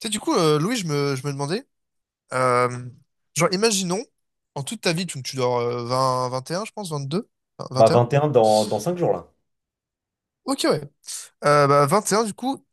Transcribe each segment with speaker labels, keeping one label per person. Speaker 1: Tu sais, du coup, Louis, je me demandais, euh, genre, imaginons, en toute ta vie, tu dors vingt et un, je pense, vingt-deux, vingt deux, vingt et un.
Speaker 2: 21 dans 5 jours là.
Speaker 1: Ok, ouais. Vingt et un, du coup,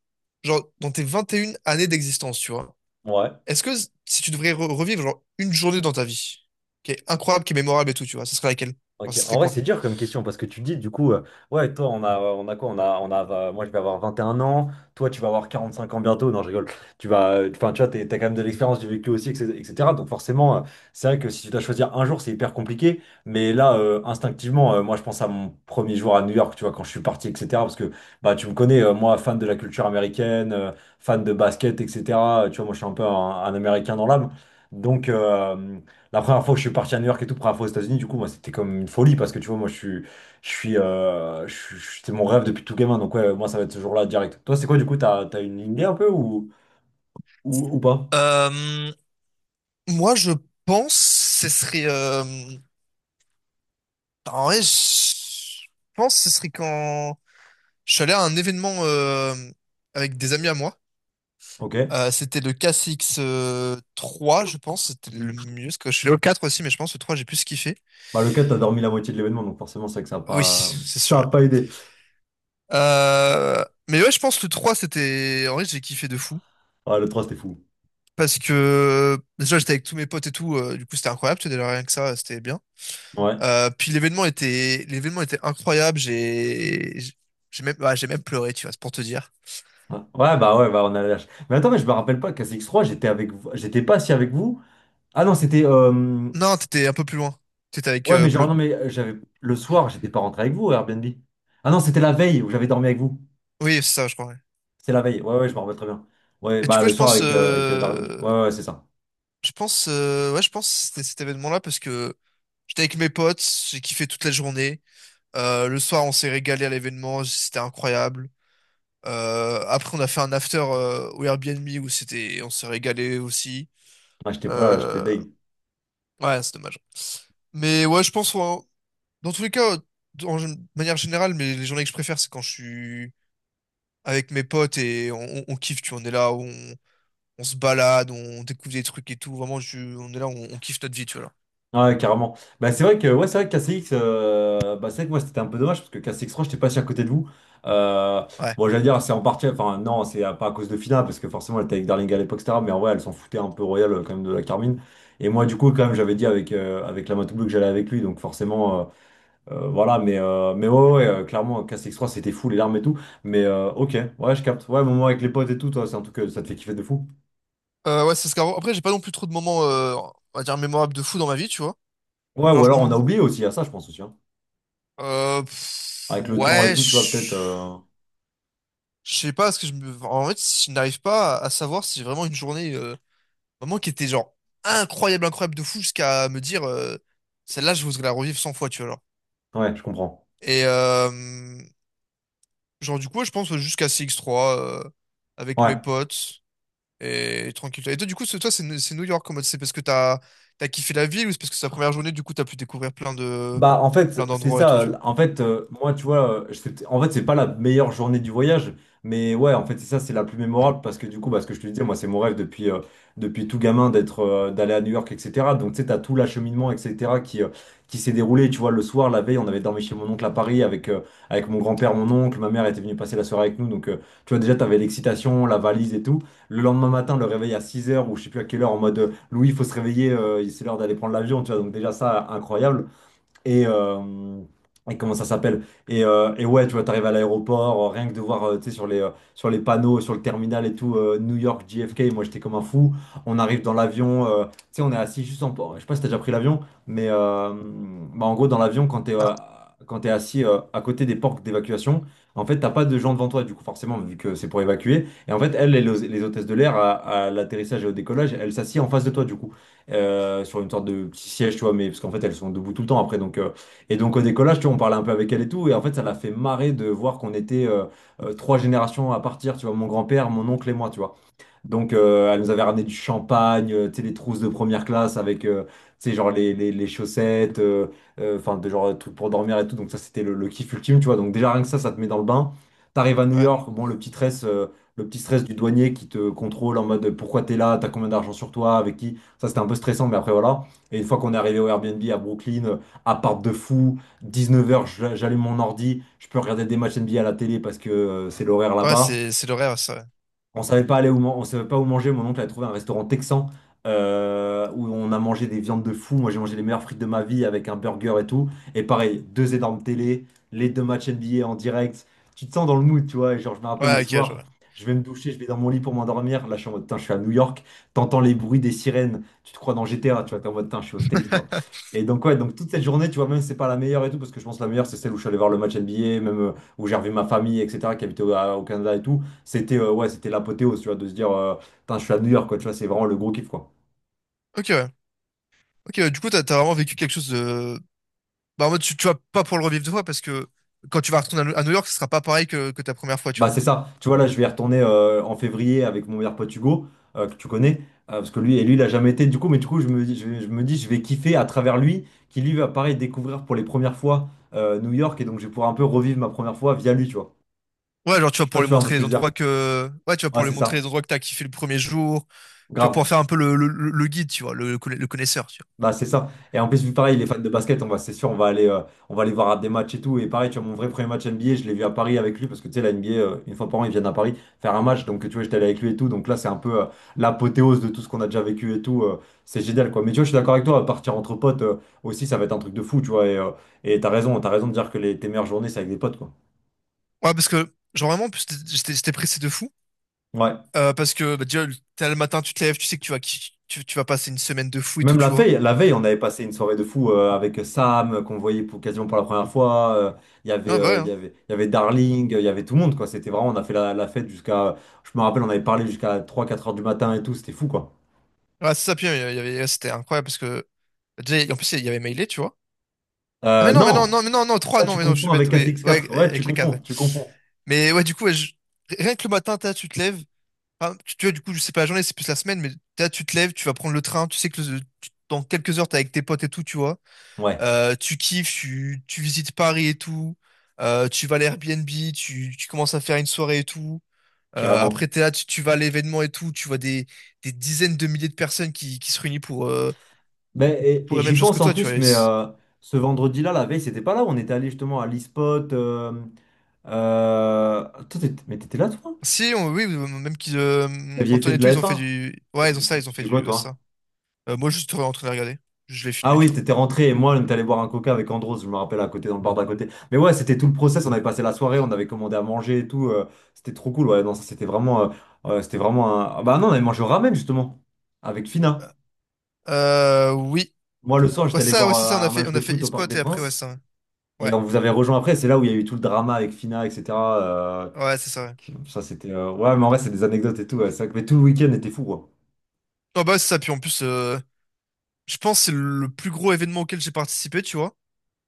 Speaker 1: genre, dans tes 21 années d'existence, tu vois,
Speaker 2: Ouais.
Speaker 1: est-ce que si tu devrais revivre, genre, une journée dans ta vie qui est incroyable, qui est mémorable et tout, tu vois, ce serait laquelle?
Speaker 2: Ok.
Speaker 1: Enfin, ce serait
Speaker 2: En vrai,
Speaker 1: quoi?
Speaker 2: c'est dur comme question parce que tu dis ouais, toi, on a quoi? Moi, je vais avoir 21 ans. Toi, tu vas avoir 45 ans bientôt. Non, je rigole. Tu vas, enfin, tu vois, t'as quand même de l'expérience du vécu aussi, etc. etc. Donc forcément, c'est vrai que si tu dois choisir un jour, c'est hyper compliqué. Mais là, instinctivement, moi, je pense à mon premier jour à New York, tu vois, quand je suis parti, etc. Parce que, bah, tu me connais, moi, fan de la culture américaine, fan de basket, etc. Tu vois, moi, je suis un peu un Américain dans l'âme. Donc, la première fois que je suis parti à New York et tout, première fois aux États-Unis, du coup, moi, c'était comme une folie parce que tu vois, moi, je suis, je suis, je suis- c'était mon rêve depuis tout gamin. Donc, ouais, moi, ça va être ce jour-là direct. Toi, c'est quoi, du coup, t'as une idée un peu ou, pas?
Speaker 1: Euh, Moi, je pense ce serait. En vrai, je pense ce serait quand je suis allé à un événement avec des amis à moi.
Speaker 2: Ok.
Speaker 1: C'était le KCX3, je pense. C'était le mieux. Parce que je suis allé au 4 aussi, mais je pense que le 3, j'ai plus kiffé.
Speaker 2: Bah, le 4, t'as dormi la moitié de l'événement, donc forcément, c'est vrai que ça a
Speaker 1: Oui,
Speaker 2: pas,
Speaker 1: c'est sûr.
Speaker 2: ça a
Speaker 1: Ouais.
Speaker 2: pas aidé.
Speaker 1: Mais ouais, je pense que le 3, c'était. En vrai, j'ai kiffé de fou.
Speaker 2: Ouais, le trois, c'était fou.
Speaker 1: Parce que déjà, j'étais avec tous mes potes et tout. Du coup, c'était incroyable. Tu sais, déjà, rien que ça, c'était bien.
Speaker 2: Ouais.
Speaker 1: Puis l'événement était incroyable. Ouais, j'ai même pleuré, tu vois, c'est pour te dire.
Speaker 2: Ouais, ouais, bah, ouais, bah, on a la lâche. Mais attends, mais je me rappelle pas qu'à cx 3, j'étais avec vous, j'étais pas assis avec vous. Ah non, c'était,
Speaker 1: Non, t'étais un peu plus loin. T'étais avec
Speaker 2: ouais, mais genre,
Speaker 1: Bleu.
Speaker 2: non, mais j'avais, le soir, j'étais pas rentré avec vous, au Airbnb. Ah non, c'était la veille où j'avais dormi avec vous.
Speaker 1: Oui, c'est ça, je crois. Ouais.
Speaker 2: C'est la veille. Ouais, ouais, je me rappelle très bien. Ouais,
Speaker 1: Et du
Speaker 2: bah
Speaker 1: coup,
Speaker 2: le soir avec, avec Darling. Ouais, ouais, c'est ça.
Speaker 1: ouais, je pense que c'était cet événement-là parce que j'étais avec mes potes, j'ai kiffé toute la journée. Le soir, on s'est régalé à l'événement, c'était incroyable. Après, on a fait un after au Airbnb où c'était, on s'est régalé aussi.
Speaker 2: Ah, j'étais pas là, j'étais
Speaker 1: Euh,
Speaker 2: deg.
Speaker 1: Ouais, c'est dommage. Mais ouais, je pense, hein, dans tous les cas, de manière générale, mais les journées que je préfère, c'est quand je suis avec mes potes et on kiffe, tu vois, on est là, on se balade, on découvre des trucs et tout. Vraiment, on est là, on kiffe notre vie, tu vois, là.
Speaker 2: Ouais, carrément. Bah c'est vrai que ouais, c'est vrai que KCX, bah c'est vrai que moi c'était un peu dommage parce que KCX 3, j'étais pas si à côté de vous. Euh,
Speaker 1: Ouais.
Speaker 2: bon, j'allais dire, c'est en partie, enfin non, c'est pas à cause de Fina parce que forcément elle était avec Darling à l'époque, et cetera. Mais en vrai, elle s'en foutait un peu royal quand même de la Carmine. Et moi, du coup, quand même, j'avais dit avec, avec la Matoubou que j'allais avec lui, donc forcément. Voilà, mais ouais, ouais, clairement, Cast X3, c'était fou, les larmes et tout. Mais ok, ouais, je capte. Ouais, moment avec les potes et tout, toi, c'est un truc que ça te fait kiffer de fou.
Speaker 1: Ouais, c'est après, j'ai pas non plus trop de moments, on va dire, mémorables de fou dans ma vie, tu vois.
Speaker 2: Ouais, ou
Speaker 1: Genre,
Speaker 2: alors on a oublié aussi, à ça, je pense aussi, hein. Avec le temps et
Speaker 1: Ouais,
Speaker 2: tout, tu vois, peut-être.
Speaker 1: je je sais pas, parce que en fait, je n'arrive pas à savoir si j'ai vraiment une journée, vraiment qui était genre incroyable, incroyable de fou jusqu'à me dire, celle-là, je voudrais la revivre 100 fois, tu vois. Genre.
Speaker 2: Ouais, je comprends.
Speaker 1: Et euh, genre, du coup, ouais, je pense jusqu'à CX3, avec mes
Speaker 2: Ouais.
Speaker 1: potes et tranquille. Et toi, du coup, toi, c'est New York, en mode, c'est parce que t'as kiffé la ville ou c'est parce que c'est la première journée, du coup, t'as pu découvrir
Speaker 2: Bah en fait
Speaker 1: plein
Speaker 2: c'est
Speaker 1: d'endroits et tout,
Speaker 2: ça,
Speaker 1: tu vois.
Speaker 2: en fait moi tu vois je en fait c'est pas la meilleure journée du voyage, mais ouais en fait c'est ça, c'est la plus mémorable parce que du coup bah, ce que je te disais, moi c'est mon rêve depuis tout gamin d'aller à New York, etc. Donc tu sais t'as tout l'acheminement, etc., qui s'est déroulé, tu vois, le soir, la veille on avait dormi chez mon oncle à Paris avec mon grand-père, mon oncle, ma mère était venue passer la soirée avec nous, donc tu vois, déjà t'avais l'excitation, la valise et tout, le lendemain matin le réveil à 6 heures ou je sais plus à quelle heure, en mode Louis il faut se réveiller, c'est l'heure d'aller prendre l'avion, tu vois, donc déjà ça incroyable. et, euh, et comment ça s'appelle? Et ouais, tu vois, t'arrives à l'aéroport, rien que de voir, tu sais, sur les panneaux, sur le terminal et tout, New York, JFK, moi j'étais comme un fou. On arrive dans l'avion, tu sais, on est assis juste en. Je sais pas si t'as déjà pris l'avion, mais bah, en gros, dans l'avion, quand t'es
Speaker 1: Non.
Speaker 2: euh, quand t'es assis à côté des portes d'évacuation, en fait, t'as pas de gens devant toi, du coup, forcément, vu que c'est pour évacuer. Et en fait, elles, les hôtesses de l'air, à l'atterrissage et au décollage, elles s'assient en face de toi, du coup sur une sorte de petit siège, tu vois, mais parce qu'en fait elles sont debout tout le temps après. Donc, et donc au décollage, tu vois, on parlait un peu avec elle et tout, et en fait ça l'a fait marrer de voir qu'on était trois générations à partir, tu vois, mon grand-père, mon oncle et moi, tu vois. Donc, elle nous avait ramené du champagne, tu sais, les trousses de première classe avec, tu sais, genre les chaussettes, enfin, de genre, trucs pour dormir et tout. Donc, ça, c'était le kiff ultime, tu vois. Donc, déjà, rien que ça te met dans le bain. T'arrives à New
Speaker 1: Ouais,
Speaker 2: York, bon, le petit stress du douanier qui te contrôle en mode pourquoi t'es là, t'as combien d'argent sur toi, avec qui. Ça, c'était un peu stressant, mais après, voilà. Et une fois qu'on est arrivé au Airbnb à Brooklyn, appart de fou, 19h, j'allume mon ordi, je peux regarder des matchs NBA à la télé parce que c'est l'horaire
Speaker 1: ouais,
Speaker 2: là-bas.
Speaker 1: c'est le rêve, ça.
Speaker 2: On savait pas aller où, on savait pas où manger. Mon oncle a trouvé un restaurant texan où on a mangé des viandes de fou. Moi, j'ai mangé les meilleures frites de ma vie avec un burger et tout. Et pareil, deux énormes télé, les deux matchs NBA en direct. Tu te sens dans le mood, tu vois. Et genre, je me
Speaker 1: Ouais,
Speaker 2: rappelle le
Speaker 1: ouais, ok, je
Speaker 2: soir,
Speaker 1: vois.
Speaker 2: je vais me doucher, je vais dans mon lit pour m'endormir. Là, je suis en mode, putain, je suis à New York. T'entends les bruits des sirènes. Tu te crois dans GTA, tu vois. T'es en mode, putain, je suis au States, quoi. Et donc, ouais, donc toute cette journée, tu vois, même si c'est pas la meilleure et tout, parce que je pense que la meilleure, c'est celle où je suis allé voir le match NBA, même où j'ai revu ma famille, etc., qui habitait au Canada et tout. C'était ouais, c'était l'apothéose, tu vois, de se dire, putain, je suis à New York, quoi, tu vois, c'est vraiment le gros kiff, quoi.
Speaker 1: Ok, ouais. Ok, ouais, du coup, t'as vraiment vécu quelque chose de. Bah, en mode, tu vas pas pour le revivre deux fois parce que quand tu vas retourner à New York, ce sera pas pareil que ta première fois, tu
Speaker 2: Bah,
Speaker 1: vois.
Speaker 2: c'est ça. Tu vois, là, je vais y retourner en février avec mon meilleur pote Hugo, que tu connais, parce que lui, et lui, il a jamais été, du coup, je me dis, je me dis, je vais kiffer à travers lui, qui lui va, pareil, découvrir pour les premières fois New York, et donc je vais pouvoir un peu revivre ma première fois via lui, tu vois.
Speaker 1: Ouais, genre, tu
Speaker 2: Je
Speaker 1: vas
Speaker 2: sais pas
Speaker 1: pouvoir
Speaker 2: si tu
Speaker 1: lui
Speaker 2: vois un peu ce
Speaker 1: montrer
Speaker 2: que
Speaker 1: les
Speaker 2: je veux
Speaker 1: endroits
Speaker 2: dire.
Speaker 1: que, ouais, tu vas
Speaker 2: Ouais,
Speaker 1: pouvoir
Speaker 2: c'est
Speaker 1: lui montrer les
Speaker 2: ça.
Speaker 1: endroits que t'as kiffé le premier jour. Tu vas
Speaker 2: Grave.
Speaker 1: pouvoir faire un peu le guide, tu vois, le connaisseur, tu vois.
Speaker 2: Bah c'est ça. Et en plus, vu pareil, les fans de basket, on va, c'est sûr, on va aller voir à des matchs et tout. Et pareil, tu vois, mon vrai premier match NBA, je l'ai vu à Paris avec lui parce que tu sais, la NBA, une fois par an, ils viennent à Paris faire un match. Donc tu vois, j'étais allé avec lui et tout. Donc là, c'est un peu l'apothéose de tout ce qu'on a déjà vécu et tout. C'est génial, quoi. Mais tu vois, je suis d'accord avec toi, partir entre potes aussi, ça va être un truc de fou, tu vois. Et t'as raison de dire que tes meilleures journées, c'est avec des potes, quoi.
Speaker 1: Ouais, parce que, genre vraiment, en plus, j'étais pressé de fou.
Speaker 2: Ouais.
Speaker 1: Parce que, bah, déjà, le t'as le matin, tu te lèves, tu sais que tu vas passer une semaine de fou et tout,
Speaker 2: Même
Speaker 1: tu vois.
Speaker 2: la veille, on avait passé une soirée de fou avec Sam, qu'on voyait quasiment pour la première fois. Il y avait,
Speaker 1: Ah, bah ouais,
Speaker 2: il y
Speaker 1: hein.
Speaker 2: avait, il y avait Darling, il y avait tout le monde, quoi. C'était vraiment, on a fait la fête jusqu'à. Je me rappelle, on avait parlé jusqu'à 3, 4 heures du matin et tout, c'était fou, quoi.
Speaker 1: Ouais, c'est ça, puis, ouais, c'était incroyable parce que, bah, déjà, en plus, il y avait Mailé, tu vois. Ah,
Speaker 2: Non!
Speaker 1: mais non, non, trois,
Speaker 2: Ça, tu
Speaker 1: non, mais non, je
Speaker 2: confonds
Speaker 1: suis bête.
Speaker 2: avec
Speaker 1: Oui, ouais,
Speaker 2: ACX4. Ouais, tu
Speaker 1: avec les quatre,
Speaker 2: confonds,
Speaker 1: ouais.
Speaker 2: tu confonds.
Speaker 1: Mais ouais, du coup, ouais, rien que le matin, tu te lèves. Enfin, tu vois, du coup, je sais pas, la journée, c'est plus la semaine, mais tu te lèves, tu vas prendre le train, tu sais que dans quelques heures, t'es avec tes potes et tout, tu vois.
Speaker 2: Ouais,
Speaker 1: Tu kiffes, tu visites Paris et tout. Tu vas à l'Airbnb, tu commences à faire une soirée et tout. Après,
Speaker 2: carrément.
Speaker 1: t'es là, tu vas à l'événement et tout, tu vois des dizaines de milliers de personnes qui se réunissent
Speaker 2: Mais, et
Speaker 1: pour
Speaker 2: et
Speaker 1: la même
Speaker 2: j'y
Speaker 1: chose que
Speaker 2: pense en
Speaker 1: toi, tu
Speaker 2: plus,
Speaker 1: vois.
Speaker 2: mais ce vendredi-là, la veille, c'était pas là où on était allé justement à l'e-spot. Euh, Toi, mais t'étais là, toi?
Speaker 1: Si, oui, même qu'ils,
Speaker 2: T'aviez fait
Speaker 1: Antoine et
Speaker 2: de
Speaker 1: tout,
Speaker 2: la
Speaker 1: ils ont fait
Speaker 2: F1?
Speaker 1: du. Ouais, ils ont
Speaker 2: Tu
Speaker 1: ça,
Speaker 2: tu-
Speaker 1: ils ont
Speaker 2: tu
Speaker 1: fait
Speaker 2: faisais quoi,
Speaker 1: du, ouais,
Speaker 2: toi?
Speaker 1: ça. Moi, je suis en train de regarder. Je l'ai
Speaker 2: Ah
Speaker 1: filmé, tu
Speaker 2: oui,
Speaker 1: vois.
Speaker 2: t'étais rentré et moi, on est allé boire un coca avec Andros, je me rappelle, à côté, dans le bar d'à côté. Mais ouais, c'était tout le process, on avait passé la soirée, on avait commandé à manger et tout. C'était trop cool, ouais. Non, ça, c'était vraiment un. Ah bah non, on avait mangé au ramen, justement, avec Fina.
Speaker 1: Oui.
Speaker 2: Moi, le soir,
Speaker 1: Ouais,
Speaker 2: j'étais allé
Speaker 1: ça, ouais, c'est ça,
Speaker 2: voir un match
Speaker 1: on
Speaker 2: de
Speaker 1: a fait
Speaker 2: foot au Parc
Speaker 1: e-spot
Speaker 2: des
Speaker 1: et après, ouais,
Speaker 2: Princes.
Speaker 1: ça.
Speaker 2: Et
Speaker 1: Ouais,
Speaker 2: on vous avait rejoint après, c'est là où il y a eu tout le drama avec Fina, etc. euh,
Speaker 1: ouais, ouais, c'est ça, ouais.
Speaker 2: ça, c'était. Ouais, mais en vrai, c'est des anecdotes et tout, ouais, c'est vrai que. Mais tout le week-end était fou, quoi.
Speaker 1: Non, bah, ouais, c'est ça, puis en plus, je pense que c'est le plus gros événement auquel j'ai participé, tu vois.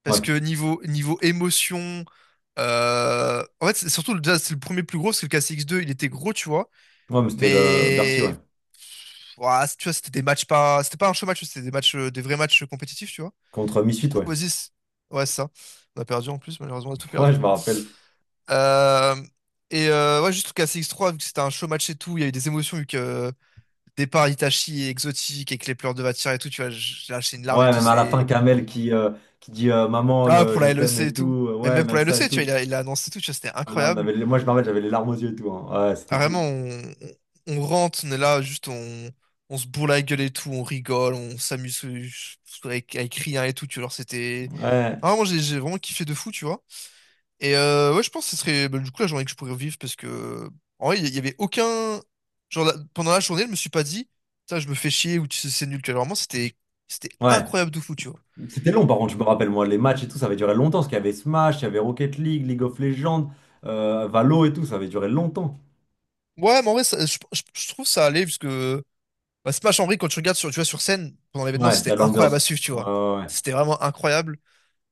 Speaker 1: Parce
Speaker 2: Ouais,
Speaker 1: que niveau émotion, en fait, c'est surtout déjà, c'est le premier plus gros, parce que le KCX2, il était gros, tu vois.
Speaker 2: ouais, mais c'était le Bercy, ouais.
Speaker 1: Mais, ouah, tu vois, c'était pas un show match, des vrais matchs compétitifs, tu vois.
Speaker 2: Contre
Speaker 1: Du
Speaker 2: Misfit,
Speaker 1: coup,
Speaker 2: ouais.
Speaker 1: vas-y, ouais, c'est ça. On a perdu en plus, malheureusement, on a tout
Speaker 2: Ouais,
Speaker 1: perdu.
Speaker 2: je me rappelle.
Speaker 1: Euh, ouais, juste le KCX3, vu que c'était un show match et tout, il y a eu des émotions, vu que départ Itachi et exotique, avec les pleurs de Vatira et tout, tu vois, j'ai lâché une larme et
Speaker 2: Ouais,
Speaker 1: tout,
Speaker 2: même à la fin,
Speaker 1: c'est.
Speaker 2: Kamel qui dit Maman,
Speaker 1: Ah, pour
Speaker 2: je
Speaker 1: la
Speaker 2: t'aime
Speaker 1: LEC
Speaker 2: et
Speaker 1: et
Speaker 2: tout.
Speaker 1: tout. Mais
Speaker 2: Ouais,
Speaker 1: même pour
Speaker 2: même
Speaker 1: la
Speaker 2: ça et
Speaker 1: LEC, tu vois,
Speaker 2: tout.
Speaker 1: il a annoncé tout, tu vois, c'était
Speaker 2: Là, on
Speaker 1: incroyable.
Speaker 2: avait moi, je me rappelle, j'avais les larmes aux yeux et tout, hein. Ouais, c'était
Speaker 1: Ah, vraiment,
Speaker 2: fou.
Speaker 1: on rentre, on est là, juste on se bourre la gueule et tout, on rigole, on s'amuse avec rien et tout, tu vois, alors c'était.
Speaker 2: Ouais,
Speaker 1: Ah, moi, j'ai vraiment kiffé de fou, tu vois. Ouais, je pense que ce serait, bah, du coup la journée que je pourrais revivre parce que, en vrai, il y avait aucun. Genre, pendant la journée, je me suis pas dit, ça, je me fais chier ou tu sais, c'est nul, tu vois. Alors, vraiment, c'était
Speaker 2: ouais.
Speaker 1: incroyable de fou, tu vois.
Speaker 2: C'était long, par contre, je me rappelle, moi, les matchs et tout, ça avait duré longtemps. Parce qu'il y avait Smash, il y avait Rocket League, League of Legends, Valo et tout, ça avait duré longtemps.
Speaker 1: Ouais, mais en vrai, je trouve ça allait, puisque. Bah, Smash en vrai, quand tu regardes sur, tu vois, sur scène, pendant l'événement,
Speaker 2: Ouais, il y
Speaker 1: c'était
Speaker 2: a de
Speaker 1: incroyable à
Speaker 2: l'ambiance.
Speaker 1: suivre, tu
Speaker 2: Ouais,
Speaker 1: vois.
Speaker 2: ouais, ouais.
Speaker 1: C'était vraiment incroyable.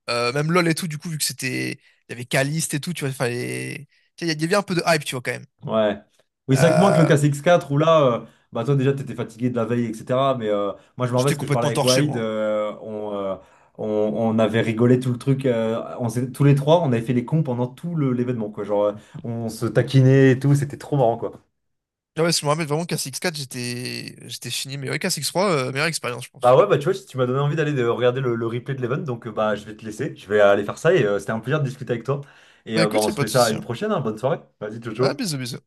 Speaker 1: Même LoL et tout, du coup, vu que c'était. Il y avait Caliste et tout, tu vois, il fallait. Tu sais, il y avait un peu de hype, tu vois, quand même.
Speaker 2: Ouais. Oui, c'est vrai que moins que le
Speaker 1: Euh,
Speaker 2: K C X quatre où là, bah toi déjà t'étais fatigué de la veille, etc. Mais moi je me rappelle
Speaker 1: J'étais
Speaker 2: ce que je parlais
Speaker 1: complètement
Speaker 2: avec
Speaker 1: torché,
Speaker 2: Wade,
Speaker 1: moi.
Speaker 2: on avait rigolé tout le truc, tous les trois, on avait fait les cons pendant tout l'événement, quoi. Genre on se taquinait et tout, c'était trop marrant, quoi.
Speaker 1: Ah, ouais, je me rappelle vraiment qu'à six quatre, j'étais fini. Mais ouais, qu'à 3 meilleure expérience, je
Speaker 2: Bah
Speaker 1: pense.
Speaker 2: ouais, bah tu vois, si tu m'as donné envie d'aller de regarder le replay de l'event, donc bah je vais te laisser, je vais aller faire ça et c'était un plaisir de discuter avec toi. Et
Speaker 1: Bah
Speaker 2: bah
Speaker 1: écoute, y
Speaker 2: on
Speaker 1: a
Speaker 2: se
Speaker 1: pas
Speaker 2: fait
Speaker 1: de
Speaker 2: ça à
Speaker 1: souci,
Speaker 2: une
Speaker 1: hein.
Speaker 2: prochaine, hein. Bonne soirée. Vas-y, ciao
Speaker 1: Ah,
Speaker 2: ciao.
Speaker 1: bisous, bisous.